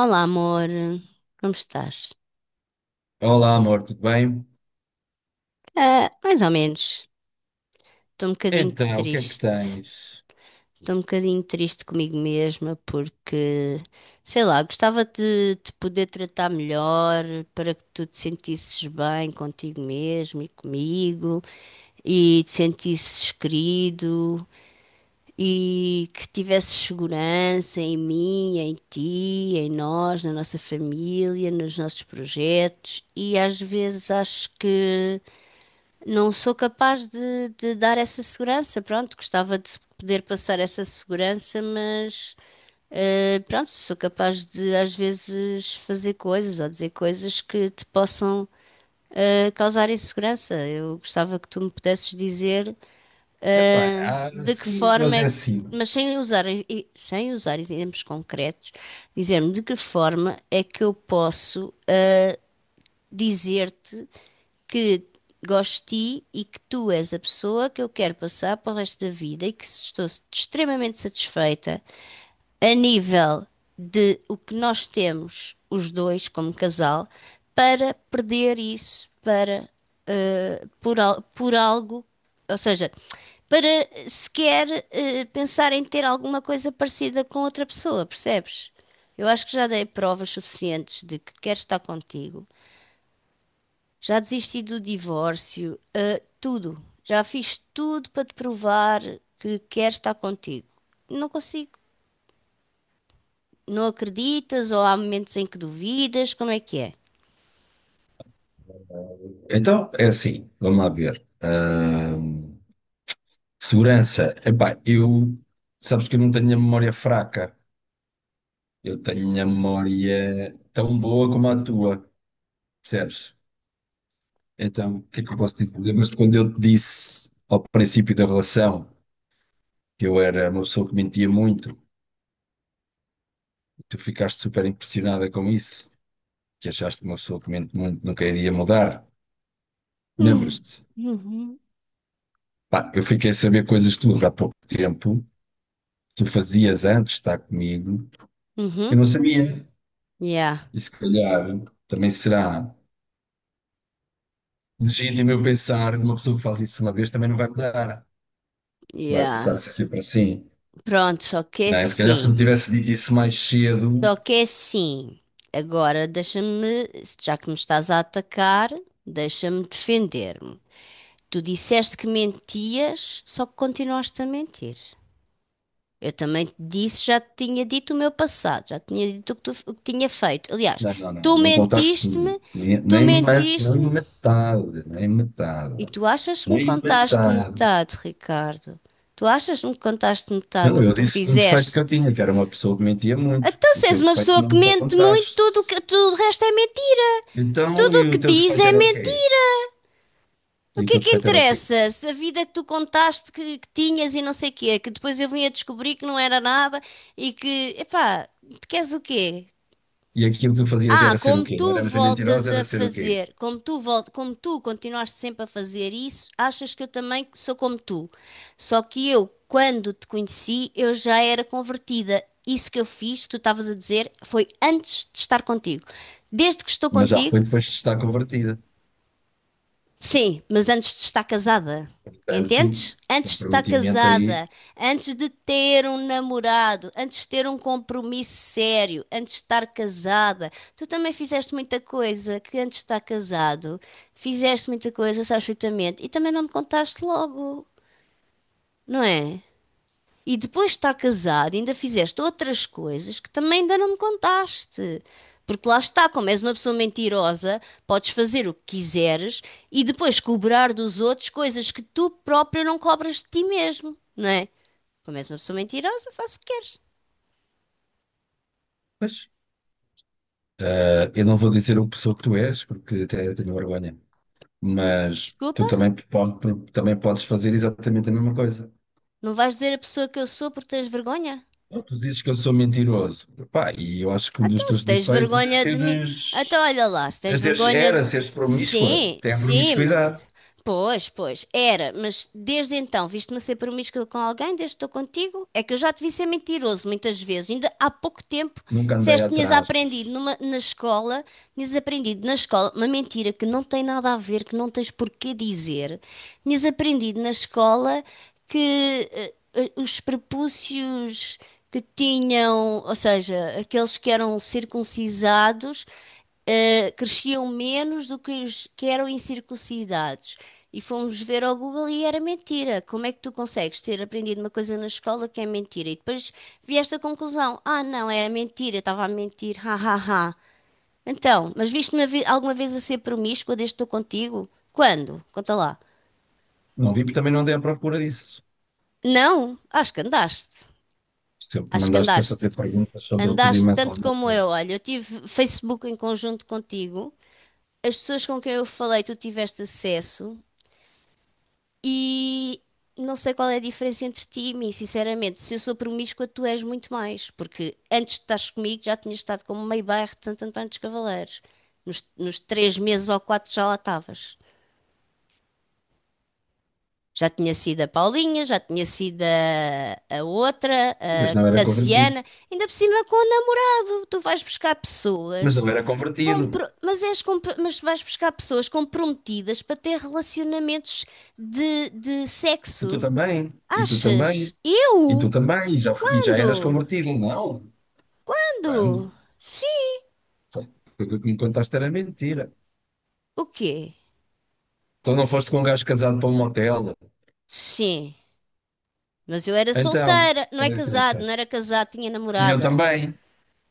Olá, amor. Como estás? Olá, amor, tudo bem? Ah, mais ou menos. Estou um bocadinho Então, o que é que triste. tens? Estou um bocadinho triste comigo mesma porque, sei lá, gostava de te poder tratar melhor para que tu te sentisses bem contigo mesmo e comigo e te sentisses querido e que tivesses segurança em mim, em ti, em nós, na nossa família, nos nossos projetos e às vezes acho que não sou capaz de dar essa segurança. Pronto, gostava de poder passar essa segurança, mas pronto, sou capaz de às vezes fazer coisas ou dizer coisas que te possam causar insegurança. Eu gostava que tu me pudesses dizer Epá, eh, de que sim, forma mas é é que. assim. Mas sem usar, sem usar exemplos concretos, dizer-me de que forma é que eu posso dizer-te que gosto de ti e que tu és a pessoa que eu quero passar para o resto da vida e que estou extremamente satisfeita a nível de o que nós temos, os dois, como casal, para perder isso para, por algo, ou seja, para sequer pensar em ter alguma coisa parecida com outra pessoa, percebes? Eu acho que já dei provas suficientes de que quero estar contigo, já desisti do divórcio, ah, tudo. Já fiz tudo para te provar que quero estar contigo. Não consigo. Não acreditas ou há momentos em que duvidas? Como é que é? Então, é assim, vamos lá ver. Segurança. Epá, eu, sabes que eu não tenho a memória fraca. Eu tenho a memória tão boa como a tua, percebes? Então, o que é que eu posso dizer? Lembras-te quando eu te disse ao princípio da relação que eu era uma pessoa que mentia muito? Tu ficaste super impressionada com isso, que achaste que uma pessoa que mente muito nunca iria mudar. Hum. Lembras-te? Uhum. Pá, eu fiquei a saber coisas tuas há pouco tempo, que tu fazias antes de estar comigo, eu Uhum. não sabia. Yeah, E se calhar também será legítimo eu pensar que uma pessoa que faz isso uma vez também não vai mudar, vai passar yeah. a ser sempre assim. Pronto, só que é Não é? Se calhar se me sim. tivesse dito isso mais cedo, Só que é sim. Agora deixa-me, já que me estás a atacar, deixa-me defender-me. Tu disseste que mentias, só que continuaste a mentir. Eu também te disse, já te tinha dito o meu passado, já te tinha dito o o que tinha feito. Aliás, não, não, não, tu não contaste tudo. mentiste-me, Nem, tu nem, ma- nem mentiste-me metade, nem e metade, tu achas que me nem contaste metade. metade, Ricardo. Tu achas que me contaste metade Não, do que eu tu disse-te um defeito que eu fizeste? tinha, que era uma pessoa que mentia muito. Então, O se és teu uma defeito pessoa não que me mente muito, contaste. Tudo o resto é mentira. Então, Tudo e o o que teu diz defeito é era o quê? mentira. E O o que é teu que defeito era o quê? interessa? Se a vida que tu contaste que tinhas e não sei o quê, que depois eu vim a descobrir que não era nada e que, epá, tu queres o quê? E aquilo que tu fazias Ah, era ser o como quê? Não tu era ser voltas mentirosa, a era ser o quê? fazer, como tu continuaste sempre a fazer isso, achas que eu também sou como tu. Só que eu, quando te conheci, eu já era convertida. Isso que eu fiz, tu estavas a dizer, foi antes de estar contigo. Desde que estou Mas já contigo, foi depois de estar convertida. sim, mas antes de estar casada. Portanto, Entendes? Antes de estar comprometimento aí. casada, antes de ter um namorado, antes de ter um compromisso sério, antes de estar casada, tu também fizeste muita coisa que antes de estar casado, fizeste muita coisa, sabes perfeitamente, e também não me contaste logo, não é? E depois de estar casado, ainda fizeste outras coisas que também ainda não me contaste. Porque lá está, como és uma pessoa mentirosa, podes fazer o que quiseres e depois cobrar dos outros coisas que tu próprio não cobras de ti mesmo, não é? Como és uma pessoa mentirosa, faz o que queres. Pois, eu não vou dizer o pessoa que tu és, porque até tenho vergonha. Mas Desculpa, tu também, pode, também podes fazer exatamente a mesma coisa. não vais dizer a pessoa que eu sou porque tens vergonha? Ou tu dizes que eu sou mentiroso. Pá, e eu acho que um dos Então, se teus tens defeitos é vergonha de mim. Então, seres, olha lá, se tens vergonha de era mim. seres promíscua. Sim, Tem a sim, mas. promiscuidade. Pois, pois, era, mas desde então, viste-me a ser promíscua com alguém, desde que estou contigo? É que eu já te vi ser mentiroso muitas vezes. Ainda há pouco tempo Nunca andei disseste que tinhas atrás. aprendido na escola, tinhas aprendido na escola uma mentira que não tem nada a ver, que não tens porquê dizer. Tinhas aprendido na escola que os prepúcios que tinham, ou seja, aqueles que eram circuncisados, cresciam menos do que os que eram incircuncidados. E fomos ver ao Google e era mentira. Como é que tu consegues ter aprendido uma coisa na escola que é mentira? E depois vi esta conclusão: ah, não, era mentira, estava a mentir, ha, ha, ha. Então, mas alguma vez a ser promíscua desde que estou contigo? Quando? Conta lá. Não vi, porque também não andei à procura disso. Não, acho que andaste. Sempre Acho que mandaste a andaste. fazer perguntas sobre tudo e Andaste mais tanto alguma como eu. coisa. Olha, eu tive Facebook em conjunto contigo. As pessoas com quem eu falei, tu tiveste acesso. E não sei qual é a diferença entre ti e mim, sinceramente. Se eu sou promíscua, tu és muito mais. Porque antes de estares comigo, já tinhas estado como meio bairro de Santo António dos Cavaleiros. Nos 3 meses ou quatro já lá estavas. Já tinha sido a Paulinha, já tinha sido a outra, E, mas a não era convertido. Tassiana, ainda por cima com o namorado. Tu vais buscar Mas pessoas, não era convertido. mas vais buscar pessoas comprometidas para ter relacionamentos de E tu sexo. também. E tu Achas? também. E tu Eu? também. E já eras Ando, convertido. Não. Quando? ando. Sim. Tudo o que me contaste era mentira. O quê? Então não foste com um gajo casado para um motel. Sim. Mas eu era Então, solteira, qual é a diferença? não era casado, tinha E eu namorada. também.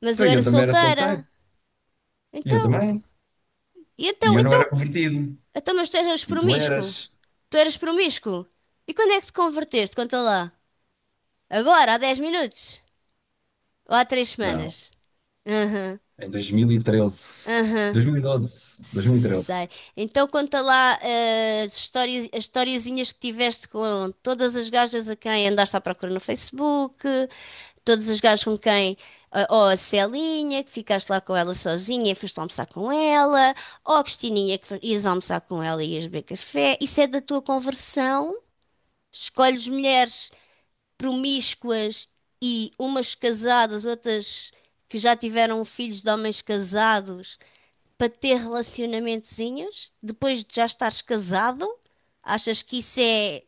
Mas Então eu e eu era também era solteira. solteiro. E eu Então, também. e E então, eu não então era convertido. Então, mas tu eras E tu promíscuo? eras. Tu eras promíscuo? E quando é que te converteste? Conta lá. Agora, há 10 minutos? Ou há 3 Não. semanas? Aham, Em 2013. aham, 2012. 2013. sei. Então conta lá as histórias, as historiezinhas que tiveste com todas as gajas a quem andaste à procura no Facebook, todas as gajas com quem. Ou a Celinha, que ficaste lá com ela sozinha e foste almoçar com ela, ou a Cristininha, que ias almoçar com ela e ias beber café. Isso é da tua conversão. Escolhes mulheres promíscuas e umas casadas, outras que já tiveram filhos de homens casados, para ter relacionamentozinhos depois de já estares casado? Achas que isso é.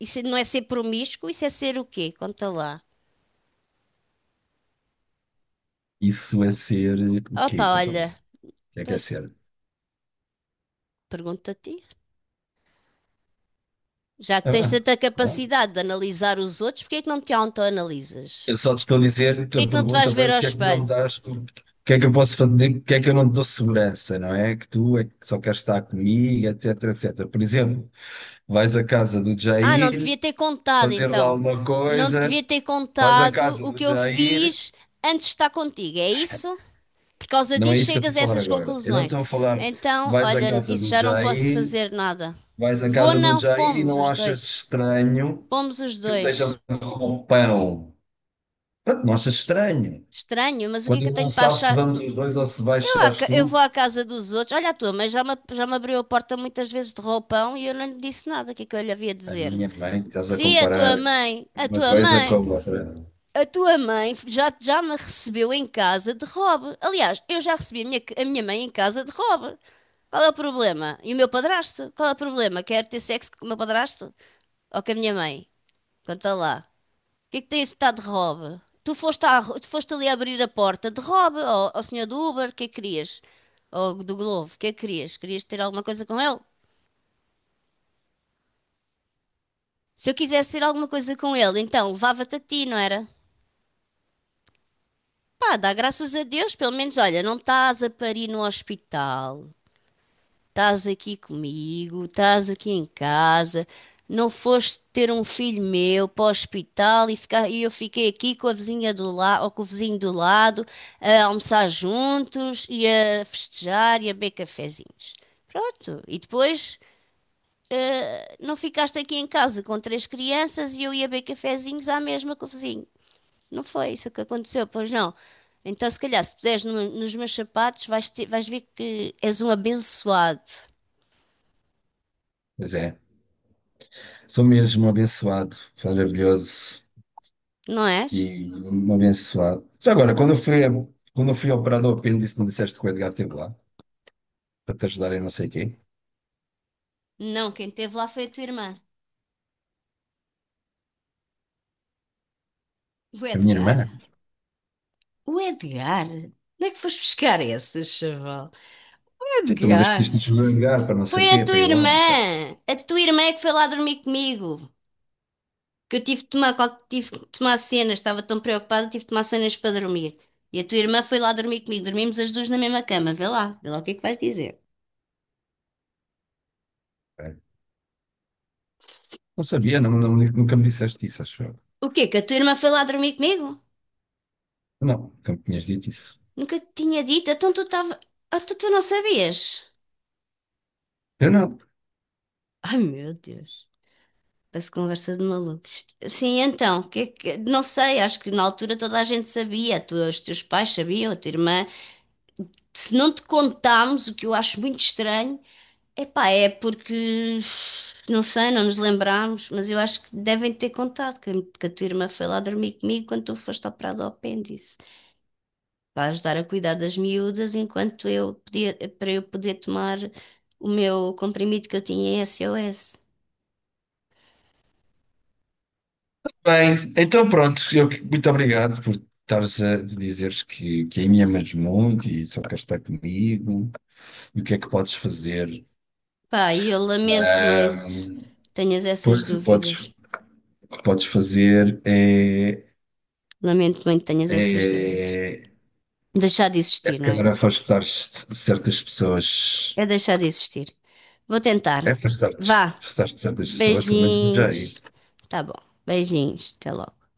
Isso é, não é ser promíscuo? Isso é ser o quê? Conta lá. Isso é ser o quê? Opa, Conta lá. olha, O que é pois, ser? pergunta a ti. Já que Ah, tens tanta ah. capacidade de analisar os outros, porquê é que não te autoanalisas? Eu só te estou a dizer, a Porquê é que não te vais pergunta foi ver ao porque é que não me espelho? dás, o que é que eu posso fazer, porque é que eu não te dou segurança, não é? Que tu é que só queres estar comigo, etc, etc. Por exemplo, vais à casa do Ah, não te Jair, devia ter contado fazer lá então. alguma Não te coisa, devia ter vais à contado casa o que do eu Jair, fiz antes de estar contigo, é isso? Por causa não é disso isso que eu estou chegas a a falar essas agora. Eu não conclusões. estou a falar, Então, vais à olha, casa isso do já não posso Jair, fazer nada. vais à Vou casa do não, Jair e fomos não os achas dois. estranho Fomos os que ele esteja dois. de roupão. Pronto, não achas estranho? Estranho, mas o que é Quando que ele eu não tenho para sabe se achar? vamos os dois ou se Eu, à baixas ca- eu vou tu, à casa dos outros. Olha a tua, mas já me abriu a porta muitas vezes de roupão e eu não lhe disse nada. O que é que eu lhe havia de a dizer? minha mãe, estás a Se a comparar tua mãe, a uma tua coisa com a mãe. outra. A tua mãe já, já me recebeu em casa de Rob. Aliás, eu já recebi a minha mãe em casa de Rob. Qual é o problema? E o meu padrasto? Qual é o problema? Quer ter sexo com o meu padrasto? Ou com a minha mãe? Conta lá. O que é que tem esse tal de Rob? Tu foste ali abrir a porta de Rob ao senhor do Uber? O que é que querias? Ou do Glovo? O que é que querias? Querias ter alguma coisa com ele? Se eu quisesse ter alguma coisa com ele, então levava-te a ti, não era? Pá, dá graças a Deus, pelo menos, olha, não estás a parir no hospital, estás aqui comigo, estás aqui em casa, não foste ter um filho meu para o hospital e, ficar, e eu fiquei aqui com a vizinha do lado, ou com o vizinho do lado, a almoçar juntos e a festejar e a beber cafezinhos. Pronto, e depois não ficaste aqui em casa com três crianças e eu ia beber cafezinhos à mesma com o vizinho. Não foi isso que aconteceu, pois não. Então, se calhar, se puseres nos meus sapatos, vais ver que és um abençoado, Pois é, sou mesmo um abençoado, maravilhoso não és? e um abençoado. Já agora, quando eu fui operado ao apêndice, não disseste que o Edgar esteve lá para te ajudar em não sei o quê? Não, quem esteve lá foi a tua irmã. O A minha Edgar? irmã? O Edgar? Onde é que foste buscar esse, chaval? O Sim, tu uma vez Edgar? pediste-nos o Edgar para não sei Foi o a quê, tua para ir lá, não foi? irmã! A tua irmã é que foi lá dormir comigo. Que eu tive de tomar cenas, estava tão preocupada, tive de tomar cenas para dormir. E a tua irmã foi lá dormir comigo. Dormimos as duas na mesma cama. Vê lá o que é que vais dizer. Foi. Não sabia, não, não- nunca me disseste isso, acho eu. O quê? Que a tua irmã foi lá dormir comigo? Não, nunca me tinhas dito isso. Nunca te tinha dito. Então tu estava. Então tu não sabias? Eu não. Ai meu Deus. Parece conversa de malucos. Sim, então, que, é que- não sei, acho que na altura toda a gente sabia, os teus pais sabiam, a tua irmã. Se não te contámos, o que eu acho muito estranho, epá, é porque, não sei, não nos lembrámos, mas eu acho que devem ter contado que a tua irmã foi lá dormir comigo quando tu foste operado ao apêndice, para ajudar a cuidar das miúdas enquanto eu podia, para eu poder tomar o meu comprimido que eu tinha em SOS. Bem, então pronto, eu, que- muito obrigado por estares a dizeres que aí me amas muito e só queres estar comigo e o que é que podes fazer. Pá, e eu lamento muito Ahm, que tenhas essas pois, dúvidas. o que podes fazer é, Lamento muito que tenhas essas dúvidas. é, Deixar de é existir, se não é? calhar afastar-te de certas pessoas, É deixar de existir. Vou tentar. é Vá. Afastar-te de certas pessoas, pelo menos já Beijinhos. Tá bom. Beijinhos. Até logo.